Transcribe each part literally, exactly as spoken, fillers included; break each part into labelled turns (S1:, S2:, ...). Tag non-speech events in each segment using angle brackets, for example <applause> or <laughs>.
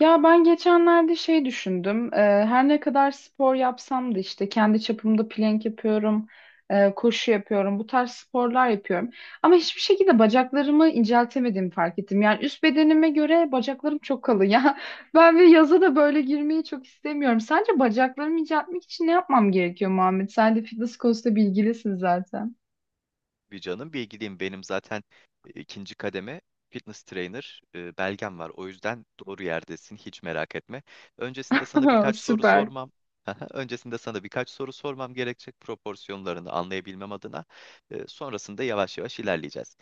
S1: Ya ben geçenlerde şey düşündüm. Ee, her ne kadar spor yapsam da işte kendi çapımda plank yapıyorum, e, koşu yapıyorum, bu tarz sporlar yapıyorum. Ama hiçbir şekilde bacaklarımı inceltemediğimi fark ettim. Yani üst bedenime göre bacaklarım çok kalın ya. <laughs> Ben bir yaza da böyle girmeyi çok istemiyorum. Sence bacaklarımı inceltmek için ne yapmam gerekiyor Muhammed? Sen de fitness konusunda bilgilisin zaten.
S2: Bir canım. Bilgiliyim. Benim zaten e, ikinci kademe fitness trainer e, belgem var. O yüzden doğru yerdesin. Hiç merak etme. Öncesinde sana
S1: <laughs>
S2: birkaç soru
S1: Süper.
S2: sormam. <laughs> Öncesinde sana birkaç soru sormam gerekecek proporsiyonlarını anlayabilmem adına. E, sonrasında yavaş yavaş ilerleyeceğiz.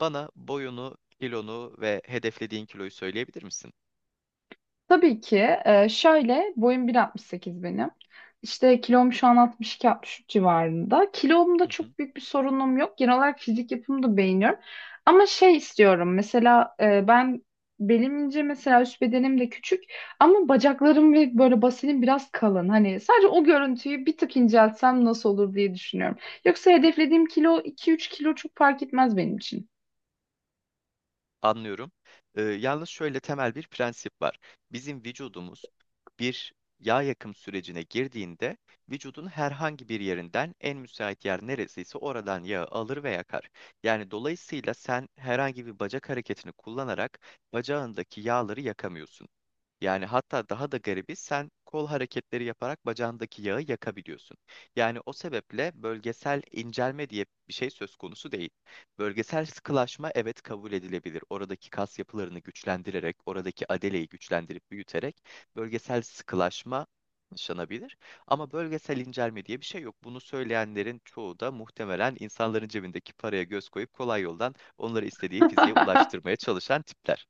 S2: Bana boyunu, kilonu ve hedeflediğin kiloyu söyleyebilir misin?
S1: Tabii ki. Ee, şöyle boyum bir altmış sekiz benim. İşte kilom şu an altmış iki altmış üç civarında. Kilomda çok
S2: <laughs>
S1: büyük bir sorunum yok. Genel olarak fizik yapımı da beğeniyorum. Ama şey istiyorum mesela e, ben belim ince mesela üst bedenim de küçük ama bacaklarım ve böyle basenim biraz kalın. Hani sadece o görüntüyü bir tık inceltsem nasıl olur diye düşünüyorum. Yoksa hedeflediğim kilo iki üç kilo çok fark etmez benim için.
S2: Anlıyorum. Ee, yalnız şöyle temel bir prensip var. Bizim vücudumuz bir yağ yakım sürecine girdiğinde vücudun herhangi bir yerinden en müsait yer neresiyse oradan yağı alır ve yakar. Yani dolayısıyla sen herhangi bir bacak hareketini kullanarak bacağındaki yağları yakamıyorsun. Yani hatta daha da garibi sen kol hareketleri yaparak bacağındaki yağı yakabiliyorsun. Yani o sebeple bölgesel incelme diye bir şey söz konusu değil. Bölgesel sıkılaşma evet kabul edilebilir. Oradaki kas yapılarını güçlendirerek, oradaki adeleyi güçlendirip büyüterek bölgesel sıkılaşma yaşanabilir. Ama bölgesel incelme diye bir şey yok. Bunu söyleyenlerin çoğu da muhtemelen insanların cebindeki paraya göz koyup kolay yoldan onları istediği fiziğe
S1: <laughs>
S2: ulaştırmaya çalışan tipler.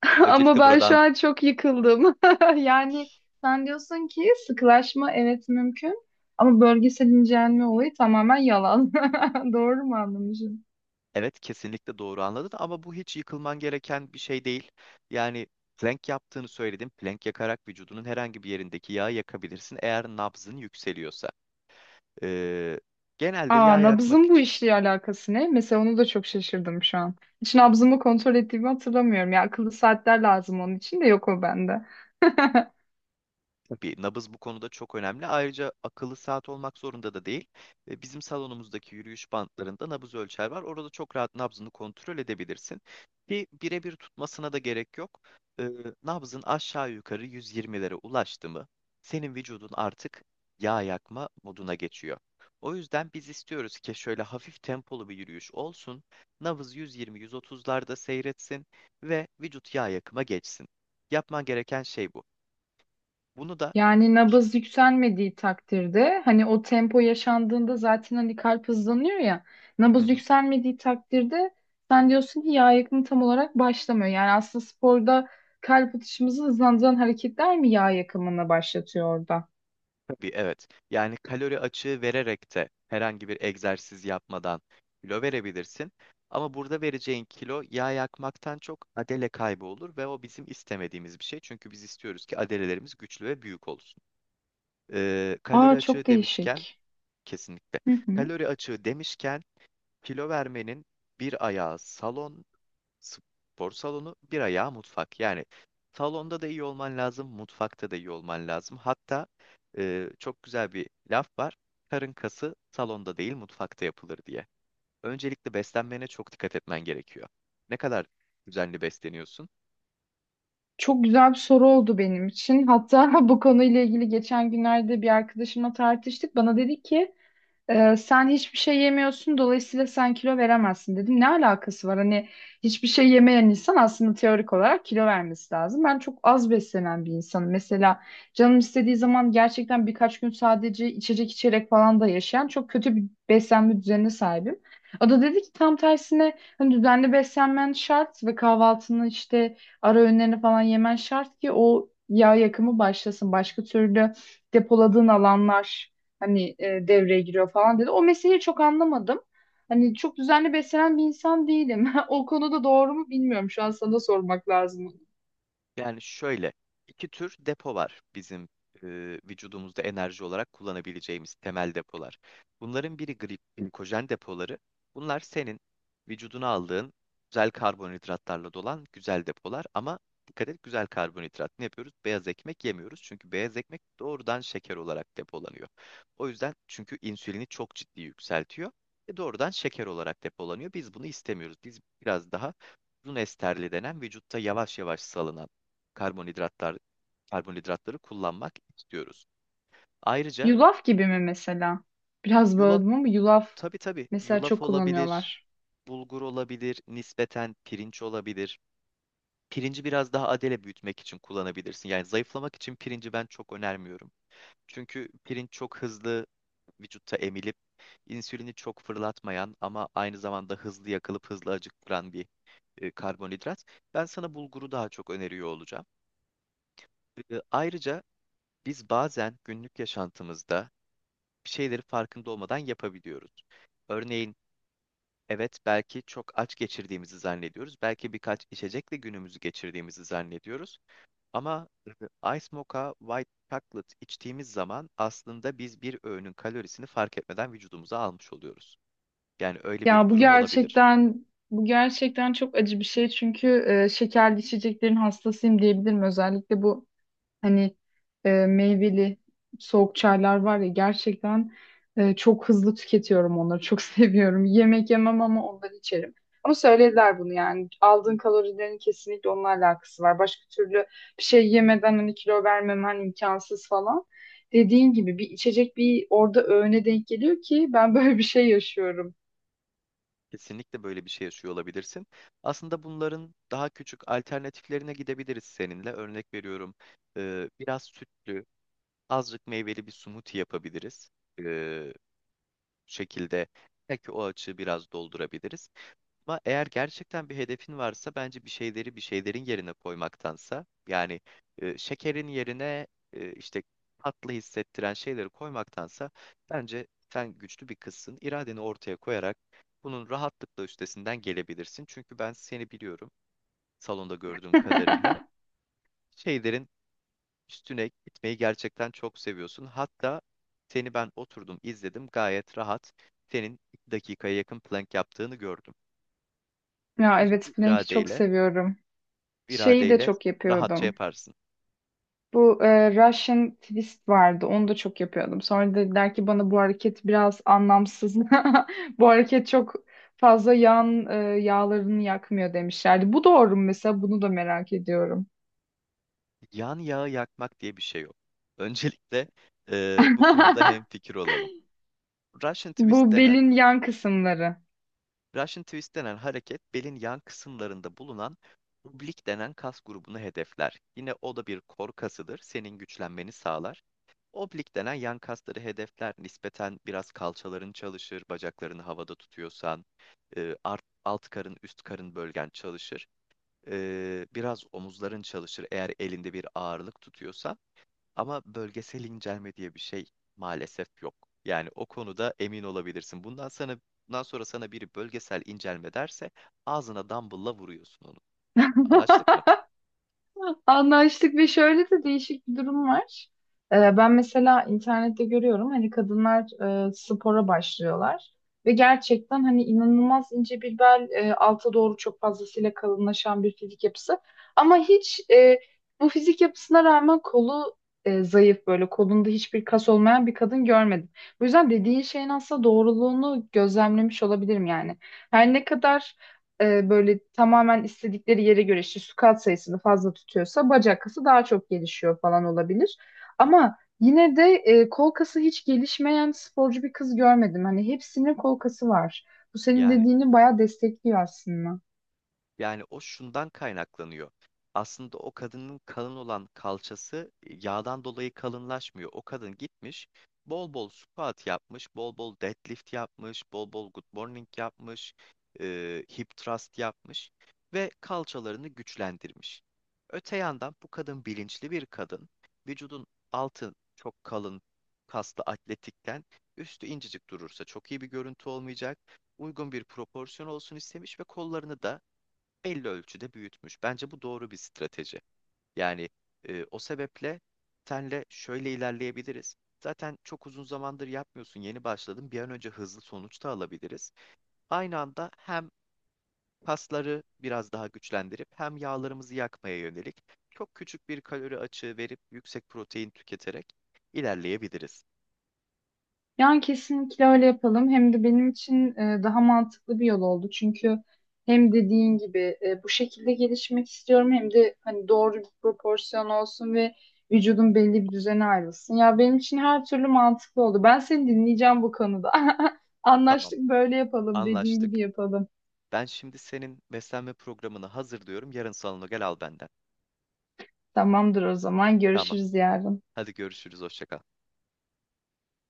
S1: <laughs> Ama
S2: Öncelikle
S1: ben şu
S2: burada
S1: an çok yıkıldım. <laughs> Yani sen diyorsun ki sıkılaşma evet mümkün ama bölgesel incelme olayı tamamen yalan. <laughs> Doğru mu anlamışım?
S2: evet, kesinlikle doğru anladın ama bu hiç yıkılman gereken bir şey değil. Yani plank yaptığını söyledim. Plank yakarak vücudunun herhangi bir yerindeki yağı yakabilirsin eğer nabzın yükseliyorsa. Ee, Genelde
S1: Aa,
S2: yağ yakmak
S1: nabzın bu işle alakası ne? Mesela onu da çok şaşırdım şu an. Hiç nabzımı kontrol ettiğimi hatırlamıyorum. Ya akıllı saatler lazım onun için de yok o bende. <laughs>
S2: tabii nabız bu konuda çok önemli. Ayrıca akıllı saat olmak zorunda da değil. E, Bizim salonumuzdaki yürüyüş bantlarında nabız ölçer var. Orada çok rahat nabzını kontrol edebilirsin. Ki birebir tutmasına da gerek yok. E, Nabzın aşağı yukarı yüz yirmilere ulaştı mı senin vücudun artık yağ yakma moduna geçiyor. O yüzden biz istiyoruz ki şöyle hafif tempolu bir yürüyüş olsun. Nabız yüz yirmi yüz otuzlarda seyretsin ve vücut yağ yakıma geçsin. Yapman gereken şey bu. Bunu da
S1: Yani nabız yükselmediği takdirde hani o tempo yaşandığında zaten hani kalp hızlanıyor ya,
S2: hı
S1: nabız
S2: hı,
S1: yükselmediği takdirde sen diyorsun ki yağ yakımı tam olarak başlamıyor. Yani aslında sporda kalp atışımızı hızlandıran hareketler mi yağ yakımını başlatıyor orada?
S2: tabii evet. Yani kalori açığı vererek de herhangi bir egzersiz yapmadan kilo verebilirsin. Ama burada vereceğin kilo yağ yakmaktan çok adele kaybı olur ve o bizim istemediğimiz bir şey. Çünkü biz istiyoruz ki adelelerimiz güçlü ve büyük olsun. Ee, kalori
S1: Aa, çok
S2: açığı demişken
S1: değişik.
S2: kesinlikle.
S1: Hı hı.
S2: Kalori açığı demişken kilo vermenin bir ayağı salon, spor salonu, bir ayağı mutfak. Yani salonda da iyi olman lazım, mutfakta da iyi olman lazım. Hatta e, çok güzel bir laf var. Karın kası salonda değil, mutfakta yapılır diye. Öncelikle beslenmene çok dikkat etmen gerekiyor. Ne kadar düzenli besleniyorsun?
S1: Çok güzel bir soru oldu benim için. Hatta <laughs> bu konuyla ilgili geçen günlerde bir arkadaşımla tartıştık. Bana dedi ki Ee, sen hiçbir şey yemiyorsun dolayısıyla sen kilo veremezsin dedim. Ne alakası var? Hani hiçbir şey yemeyen insan aslında teorik olarak kilo vermesi lazım. Ben çok az beslenen bir insanım. Mesela canım istediği zaman gerçekten birkaç gün sadece içecek içerek falan da yaşayan çok kötü bir beslenme düzenine sahibim. O da dedi ki tam tersine hani düzenli beslenmen şart ve kahvaltını işte ara öğünlerini falan yemen şart ki o yağ yakımı başlasın. Başka türlü depoladığın alanlar hani e, devreye giriyor falan dedi. O meseleyi çok anlamadım. Hani çok düzenli beslenen bir insan değilim. <laughs> O konuda doğru mu bilmiyorum. Şu an sana sormak lazım.
S2: Yani şöyle, iki tür depo var bizim e, vücudumuzda enerji olarak kullanabileceğimiz temel depolar. Bunların biri gri- glikojen depoları. Bunlar senin vücuduna aldığın güzel karbonhidratlarla dolan güzel depolar. Ama dikkat et güzel karbonhidrat. Ne yapıyoruz? Beyaz ekmek yemiyoruz. Çünkü beyaz ekmek doğrudan şeker olarak depolanıyor. O yüzden çünkü insülini çok ciddi yükseltiyor ve doğrudan şeker olarak depolanıyor. Biz bunu istemiyoruz. Biz biraz daha uzun esterli denen vücutta yavaş yavaş salınan karbonhidratlar karbonhidratları kullanmak istiyoruz. Ayrıca
S1: Yulaf gibi mi mesela? Biraz
S2: yulaf,
S1: böldüm ama yulaf
S2: tabii tabii
S1: mesela
S2: yulaf
S1: çok
S2: olabilir,
S1: kullanıyorlar.
S2: bulgur olabilir, nispeten pirinç olabilir. Pirinci biraz daha adele büyütmek için kullanabilirsin. Yani zayıflamak için pirinci ben çok önermiyorum. Çünkü pirinç çok hızlı vücutta emilip insülini çok fırlatmayan ama aynı zamanda hızlı yakılıp hızlı acıktıran bir e, karbonhidrat. Ben sana bulguru daha çok öneriyor olacağım. E, ayrıca biz bazen günlük yaşantımızda şeyleri farkında olmadan yapabiliyoruz. Örneğin evet, belki çok aç geçirdiğimizi zannediyoruz. Belki birkaç içecekle günümüzü geçirdiğimizi zannediyoruz. Ama e, Ice Mocha White Chocolate içtiğimiz zaman aslında biz bir öğünün kalorisini fark etmeden vücudumuza almış oluyoruz. Yani öyle bir
S1: Ya bu
S2: durum olabilir.
S1: gerçekten bu gerçekten çok acı bir şey çünkü e, şekerli içeceklerin hastasıyım diyebilirim. Özellikle bu Hani e, meyveli soğuk çaylar var ya, gerçekten e, çok hızlı tüketiyorum onları. Çok <laughs> seviyorum. Yemek yemem ama onları içerim. Ama söylediler bunu yani. Aldığın kalorilerin kesinlikle onunla alakası var. Başka türlü bir şey yemeden hani kilo vermemen imkansız falan. Dediğin gibi bir içecek bir orada öğüne denk geliyor ki ben <laughs> böyle bir şey yaşıyorum.
S2: Kesinlikle böyle bir şey yaşıyor olabilirsin. Aslında bunların daha küçük alternatiflerine gidebiliriz seninle. Örnek veriyorum, e, biraz sütlü, azıcık meyveli bir smoothie yapabiliriz. E, Şekilde belki o açığı biraz doldurabiliriz. Ama eğer gerçekten bir hedefin varsa bence bir şeyleri bir şeylerin yerine koymaktansa yani e, şekerin yerine e, işte tatlı hissettiren şeyleri koymaktansa bence sen güçlü bir kızsın. İradeni ortaya koyarak bunun rahatlıkla üstesinden gelebilirsin. Çünkü ben seni biliyorum salonda gördüğüm kadarıyla.
S1: <laughs>
S2: Şeylerin üstüne gitmeyi gerçekten çok seviyorsun. Hatta seni ben oturdum izledim, gayet rahat senin iki dakikaya yakın plank yaptığını gördüm.
S1: Ya
S2: Bence
S1: evet,
S2: bu
S1: Plank'i çok
S2: iradeyle,
S1: seviyorum.
S2: bu
S1: Şeyi de
S2: iradeyle
S1: çok
S2: rahatça
S1: yapıyordum.
S2: yaparsın.
S1: Bu e, Russian twist vardı. Onu da çok yapıyordum. Sonra dediler ki bana bu hareket biraz anlamsız. <laughs> Bu hareket çok fazla yan e, yağlarını yakmıyor demişlerdi. Bu doğru mu mesela? Bunu da merak ediyorum.
S2: Yan yağı yakmak diye bir şey yok. Öncelikle eee, bu konuda
S1: <laughs>
S2: hemfikir olalım. Russian twist
S1: Bu
S2: denen
S1: belin yan kısımları.
S2: Russian twist denen hareket belin yan kısımlarında bulunan oblik denen kas grubunu hedefler. Yine o da bir kor kasıdır. Senin güçlenmeni sağlar. Oblik denen yan kasları hedefler, nispeten biraz kalçaların çalışır, bacaklarını havada tutuyorsan, e, art- alt karın, üst karın bölgen çalışır. E, biraz omuzların çalışır eğer elinde bir ağırlık tutuyorsan. Ama bölgesel incelme diye bir şey maalesef yok. Yani o konuda emin olabilirsin. Bundan sana, bundan sonra sana biri bölgesel incelme derse ağzına dumbbell'la vuruyorsun onu. Anlaştık
S1: <laughs>
S2: mı?
S1: Anlaştık ve şöyle de değişik bir durum var. Ee, ben mesela internette görüyorum hani kadınlar e, spora başlıyorlar ve gerçekten hani inanılmaz ince bir bel, e, alta doğru çok fazlasıyla kalınlaşan bir fizik yapısı. Ama hiç e, bu fizik yapısına rağmen kolu e, zayıf, böyle kolunda hiçbir kas olmayan bir kadın görmedim. Bu yüzden dediğin şeyin aslında doğruluğunu gözlemlemiş olabilirim yani. Her ne kadar e, böyle tamamen istedikleri yere göre işte su sayısını fazla tutuyorsa bacak kası daha çok gelişiyor falan olabilir.
S2: Hı.
S1: Ama yine de e, kol kası hiç gelişmeyen sporcu bir kız görmedim. Hani hepsinin kol kası var. Bu senin
S2: Yani
S1: dediğini bayağı destekliyor aslında.
S2: yani o şundan kaynaklanıyor. Aslında o kadının kalın olan kalçası e, yağdan dolayı kalınlaşmıyor. O kadın gitmiş, bol bol squat yapmış, bol bol deadlift yapmış, bol bol good morning yapmış, e, hip thrust yapmış ve kalçalarını güçlendirmiş. Öte yandan bu kadın bilinçli bir kadın. Vücudun altı çok kalın, kaslı atletikken üstü incecik durursa çok iyi bir görüntü olmayacak. Uygun bir proporsiyon olsun istemiş ve kollarını da belli ölçüde büyütmüş. Bence bu doğru bir strateji. Yani e, o sebeple senle şöyle ilerleyebiliriz. Zaten çok uzun zamandır yapmıyorsun, yeni başladın. Bir an önce hızlı sonuç da alabiliriz. Aynı anda hem kasları biraz daha güçlendirip hem yağlarımızı yakmaya yönelik çok küçük bir kalori açığı verip yüksek protein tüketerek ilerleyebiliriz.
S1: Yani kesinlikle öyle yapalım. Hem de benim için e, daha mantıklı bir yol oldu. Çünkü hem dediğin gibi e, bu şekilde gelişmek istiyorum hem de hani doğru bir proporsiyon olsun ve vücudun belli bir düzene ayrılsın. Ya benim için her türlü mantıklı oldu. Ben seni dinleyeceğim bu konuda. <laughs>
S2: Tamam,
S1: Anlaştık, böyle yapalım. Dediğin
S2: anlaştık.
S1: gibi yapalım.
S2: Ben şimdi senin beslenme programını hazırlıyorum. Yarın salona gel al benden.
S1: Tamamdır o zaman.
S2: Tamam.
S1: Görüşürüz yarın.
S2: Hadi görüşürüz. Hoşça kal.